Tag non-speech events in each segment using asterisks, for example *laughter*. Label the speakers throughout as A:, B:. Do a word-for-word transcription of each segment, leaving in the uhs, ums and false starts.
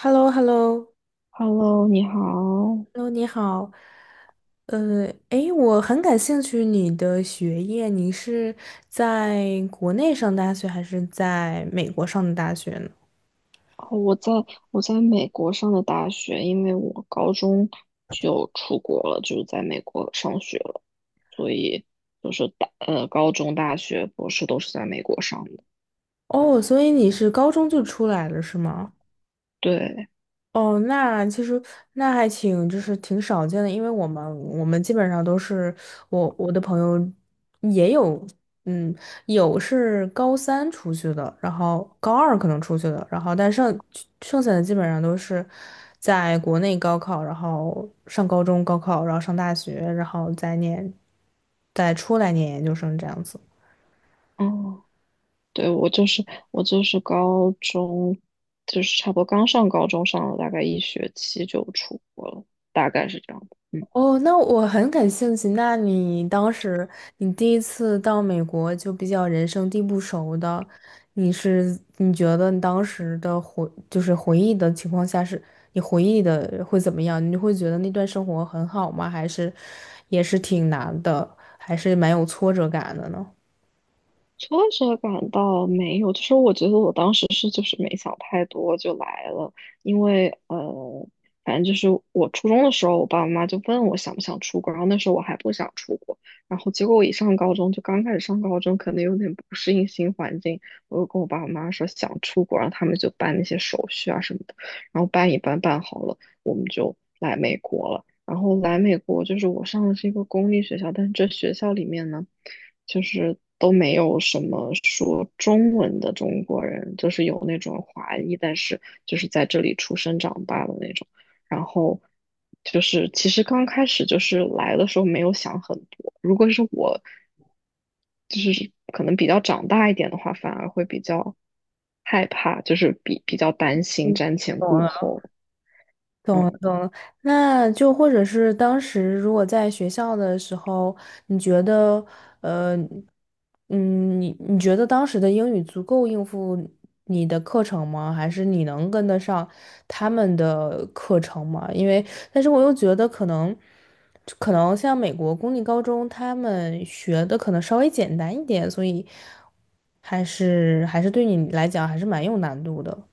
A: h e l l o h e l l o h e
B: Hello，你好。
A: l l o 你好。呃，诶，我很感兴趣你的学业，你是在国内上大学还是在美国上的大学呢？
B: 哦我在我在美国上的大学，因为我高中就出国了，就是在美国上学了，所以就是大呃高中、大学、博士都是在美国上的。
A: 哦，所以你是高中就出来了，是吗？
B: 对，
A: 哦，那其实那还挺，就是挺少见的，因为我们我们基本上都是我我的朋友也有，嗯，有是高三出去的，然后高二可能出去的，然后但剩剩下的基本上都是在国内高考，然后上高中高考，然后上大学，然后再念，再出来念研究生这样子。
B: 嗯，对，我就是我就是高中，就是差不多刚上高中上了大概一学期就出国了，大概是这样的。嗯，
A: 哦，那我很感兴趣。那你当时你第一次到美国就比较人生地不熟的，你是你觉得你当时的回就是回忆的情况下是，你回忆的会怎么样？你会觉得那段生活很好吗？还是也是挺难的，还是蛮有挫折感的呢？
B: 挫折感倒没有，就是我觉得我当时是就是没想太多就来了，因为呃，反正就是我初中的时候，我爸爸妈妈就问我想不想出国，然后那时候我还不想出国，然后结果我一上高中就刚开始上高中，可能有点不适应新环境，我就跟我爸爸妈妈说想出国，然后他们就办那些手续啊什么的，然后办一办办好了，我们就来美国了，然后来美国就是我上的是一个公立学校，但是这学校里面呢。就是都没有什么说中文的中国人，就是有那种华裔，但是就是在这里出生长大的那种。然后就是其实刚开始就是来的时候没有想很多，如果是我，就是可能比较长大一点的话，反而会比较害怕，就是比比较担心瞻前顾后。嗯。
A: 那就或者是当时如果在学校的时候，你觉得，呃，嗯，你你觉得当时的英语足够应付你的课程吗？还是你能跟得上他们的课程吗？因为，但是我又觉得可能，可能像美国公立高中，他们学的可能稍微简单一点，所以还是还是对你来讲还是蛮有难度的。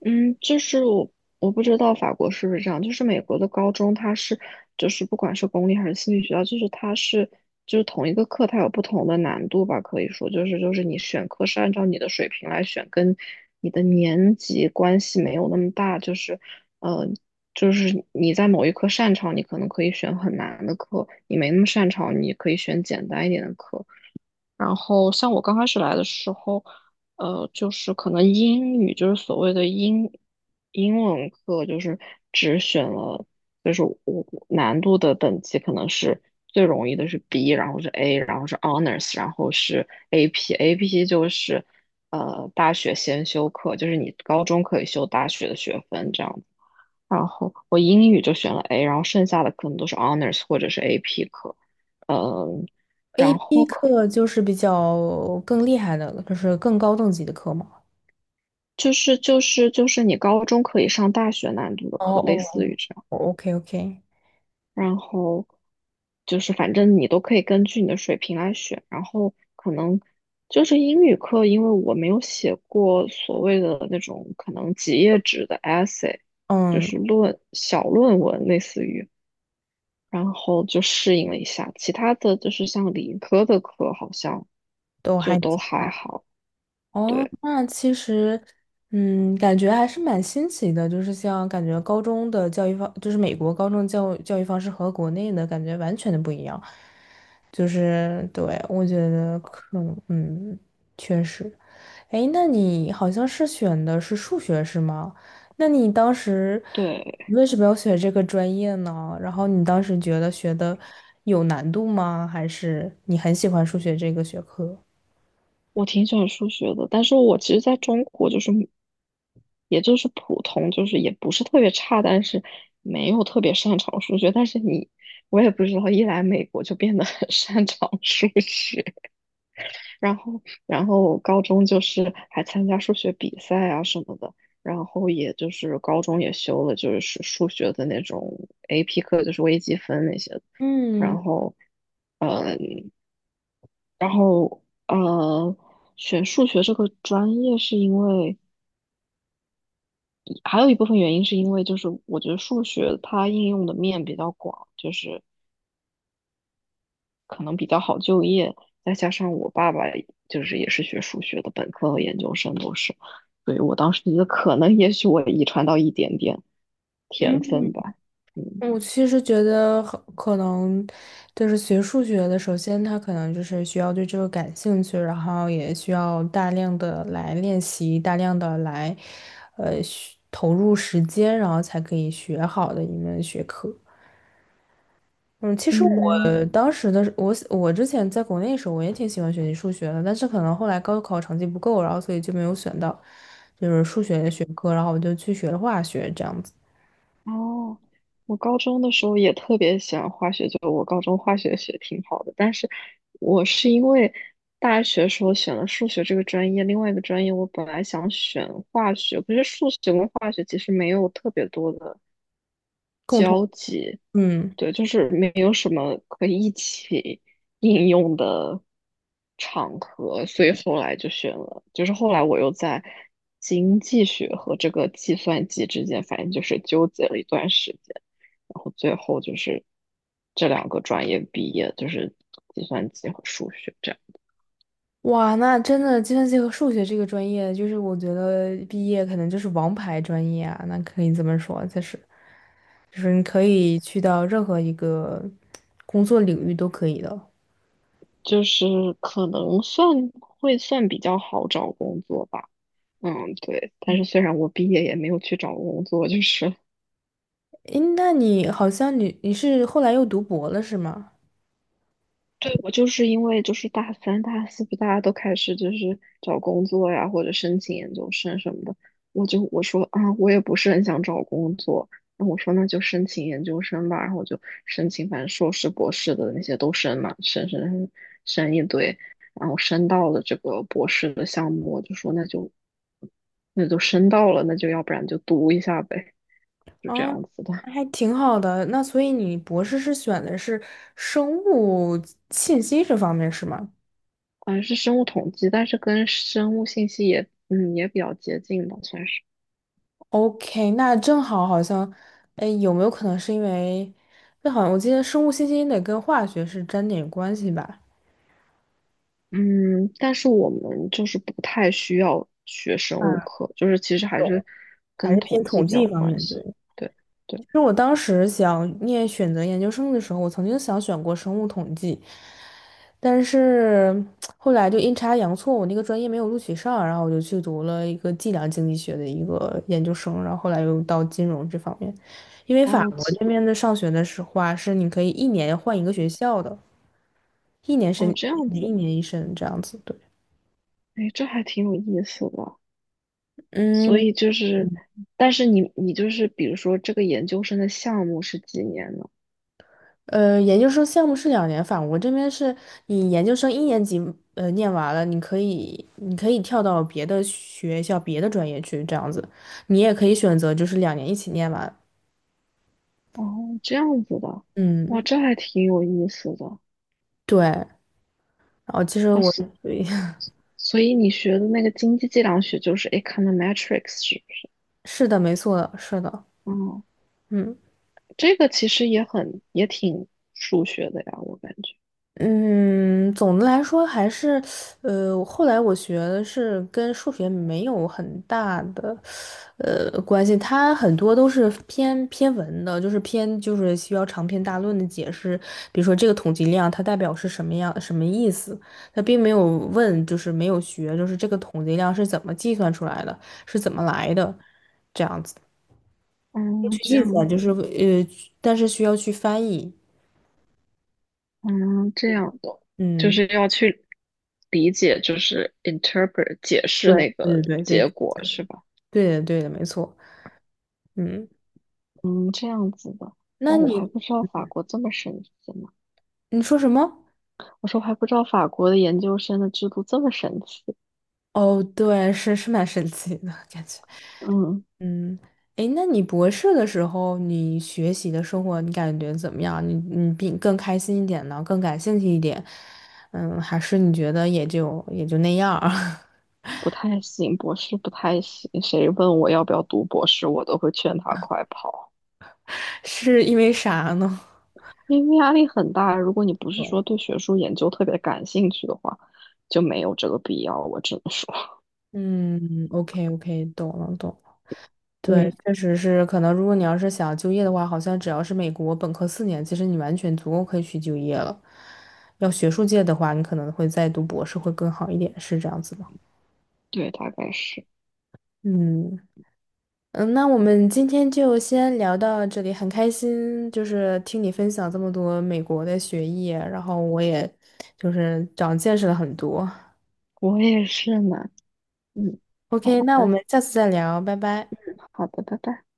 B: 嗯，就是我我不知道法国是不是这样，就是美国的高中它是就是不管是公立还是私立学校，就是它是就是同一个课它有不同的难度吧，可以说就是就是你选课是按照你的水平来选，跟你的年级关系没有那么大，就是呃就是你在某一科擅长，你可能可以选很难的课；你没那么擅长，你可以选简单一点的课。然后像我刚开始来的时候，呃，就是可能英语就是所谓的英英文课，就是只选了，就是我难度的等级可能是最容易的是 B，然后是 A，然后是 Honors，然后是 A P，A P 就是呃大学先修课，就是你高中可以修大学的学分这样子。然后我英语就选了 A，然后剩下的可能都是 Honors 或者是 A P 课。然后
A: A P
B: 可
A: 课就是比较更厉害的了，就是更高等级的课嘛。
B: 就是就是就是你高中可以上大学难度的
A: 哦
B: 课，类
A: 哦
B: 似于
A: 哦
B: 这样。
A: ，OK OK，
B: 然后就是反正你都可以根据你的水平来选。然后可能就是英语课，因为我没有写过所谓的那种可能几页纸的 essay，就
A: 嗯，
B: 是论小论文类似于，然后就适应了一下。其他的就是像理科的课，好像
A: 都
B: 就
A: 还
B: 都
A: 挺
B: 还
A: 好。
B: 好。
A: 哦，
B: 对
A: 那其实，嗯，感觉还是蛮新奇的，就是像感觉高中的教育方，就是美国高中教教育方式和国内的感觉完全的不一样。就是对，我觉得可能，嗯，确实。哎，那你好像是选的是数学是吗？那你当时
B: 对，
A: 为什么要学这个专业呢？然后你当时觉得学的有难度吗？还是你很喜欢数学这个学科？
B: 我挺喜欢数学的，但是我其实在中国就是也就是普通，就是也不是特别差，但是没有特别擅长数学。但是你，我也不知道，一来美国就变得很 *laughs* 擅长数学，然后，然后我高中就是还参加数学比赛啊什么的，然后也就是高中也修了就是数学的那种 A P 课，就是微积分那些的。
A: 嗯
B: 然后，然后呃，选数学这个专业是因为。还有一部分原因是因为就是我觉得数学它应用的面比较广，就是可能比较好就业，再加上我爸爸就是也是学数学的，本科和研究生都是，所以我当时觉得可能也许我遗传到一点点天
A: 嗯，
B: 分吧，嗯。
A: 我其实觉得很可能就是学数学的，首先他可能就是需要对这个感兴趣，然后也需要大量的来练习，大量的来呃学投入时间，然后才可以学好的一门学科。嗯，其实
B: 嗯，
A: 我当时的我，我之前在国内的时候，我也挺喜欢学习数学的，但是可能后来高考成绩不够，然后所以就没有选到就是数学的学科，然后我就去学了化学，这样子。
B: 哦，我高中的时候也特别喜欢化学，就我高中化学学挺好的，但是我是因为大学时候选了数学这个专业，另外一个专业我本来想选化学，可是数学跟化学其实没有特别多的。
A: 共同。
B: 交集，
A: 嗯，
B: 对，就是没有什么可以一起 *laughs* 应用的场合，所以后来就选了，就是后来我又在经济学和这个计算机之间，反正就是纠结了一段时间，然后最后就是这两个专业毕业，就是计算机和数学这样，
A: 哇，那真的计算机和数学这个专业，就是我觉得毕业可能就是王牌专业啊，那可以这么说，就是就是你可以去到任何一个工作领域都可以的。
B: 就是可能算会算比较好找工作吧。嗯，对，但是虽然我毕业也没有去找工作，就是。
A: 诶，那你好像你你是后来又读博了是吗？
B: 对，我就是因为就是大三、大四不大家都开始就是找工作呀，或者申请研究生什么的，我就我说啊，我也不是很想找工作，那我说那就申请研究生吧，然后我就申请，反正硕士、博士的那些都申嘛，申申申申一堆，然后申到了这个博士的项目，我就说那就那就申到了，那就要不然就读一下呗，就这
A: 啊，
B: 样子的，
A: 那还挺好的。那所以你博士是选的是生物信息这方面是吗
B: 好像是生物统计，但是跟生物信息也嗯也比较接近吧，算是。
A: ？OK，那正好好像，哎，有没有可能是因为，那好像我记得生物信息得跟化学是沾点关系吧？
B: 嗯，但是我们就是不太需要学生物
A: 啊，
B: 课，就是其实还是
A: 还
B: 跟
A: 是偏
B: 统计
A: 统
B: 比较
A: 计
B: 有
A: 方
B: 关
A: 面，
B: 系。
A: 对。
B: 对对，
A: 就我当时想念选择研究生的时候，我曾经想选过生物统计，但是后来就阴差阳错，我那个专业没有录取上，然后我就去读了一个计量经济学的一个研究生，然后后来又到金融这方面，因为法
B: 哦，
A: 国
B: 其
A: 这边的上学的是话是你可以一年换一个学校的，一年申
B: 哦这
A: 一
B: 样
A: 年
B: 子，
A: 一年一申这样子，对，
B: 哎，这还挺有意思的。所
A: 嗯。
B: 以就是，但是你你就是比如说这个研究生的项目是几年呢？
A: 呃，研究生项目是两年法，我这边是你研究生一年级呃念完了，你可以你可以跳到别的学校、别的专业去这样子，你也可以选择就是两年一起念完。
B: 哦，这样子的，哇，
A: 嗯，
B: 这还挺有意思的。
A: 对。然后其实
B: 哦，
A: 我，
B: 所
A: *laughs*
B: 所以你学的那个经济计量学就是 econometrics 是不是？
A: 是的，没错的，是的，
B: 哦
A: 嗯。
B: 这个其实也很也挺数学的呀，我感觉。
A: 嗯，总的来说还是，呃，后来我学的是跟数学没有很大的，呃，关系，它很多都是偏偏文的，就是偏就是需要长篇大论的解释，比如说这个统计量它代表是什么样什么意思，它并没有问，就是没有学，就是这个统计量是怎么计算出来的，是怎么来的，这样子
B: 嗯，
A: 去
B: 这
A: 计
B: 样
A: 算，就
B: 子，
A: 是呃，但是需要去翻译，
B: 嗯，这样的，就
A: 嗯，
B: 是要去理解，就是 interpret 解释
A: 对
B: 那个
A: 对对
B: 结
A: 对
B: 果是吧？
A: 对的对的，没错。嗯，
B: 嗯，这样子的。
A: 那
B: 哇，我还
A: 你。
B: 不知道法国这么神奇呢。
A: 你说什么？
B: 我说我还不知道法国的研究生的制度这么神奇。
A: 哦，对，是是蛮神奇的感觉。
B: 嗯，
A: 嗯，诶，那你博士的时候，你学习的生活，你感觉怎么样？你你比更开心一点呢，更感兴趣一点？嗯，还是你觉得也就也就那样儿？
B: 不太行，博士不太行。谁问我要不要读博士，我都会劝他快跑。
A: *laughs* 是因为啥呢？
B: 因为压力很大，如果你不是说对学术研究特别感兴趣的话，就没有这个必要。我只能说，
A: 嗯，OK OK，懂了懂了。对，
B: 嗯，
A: 确实是，可能如果你要是想就业的话，好像只要是美国本科四年，其实你完全足够可以去就业了。要学术界的话，你可能会再读博士会更好一点，是这样子吗？
B: *laughs* 对，大概是，
A: 嗯嗯，那我们今天就先聊到这里，很开心，就是听你分享这么多美国的学业，然后我也就是长见识了很多。
B: 我也是呢。嗯，
A: OK，
B: 好
A: 那我
B: 的，
A: 们下次再聊，拜拜。
B: 好的，拜拜。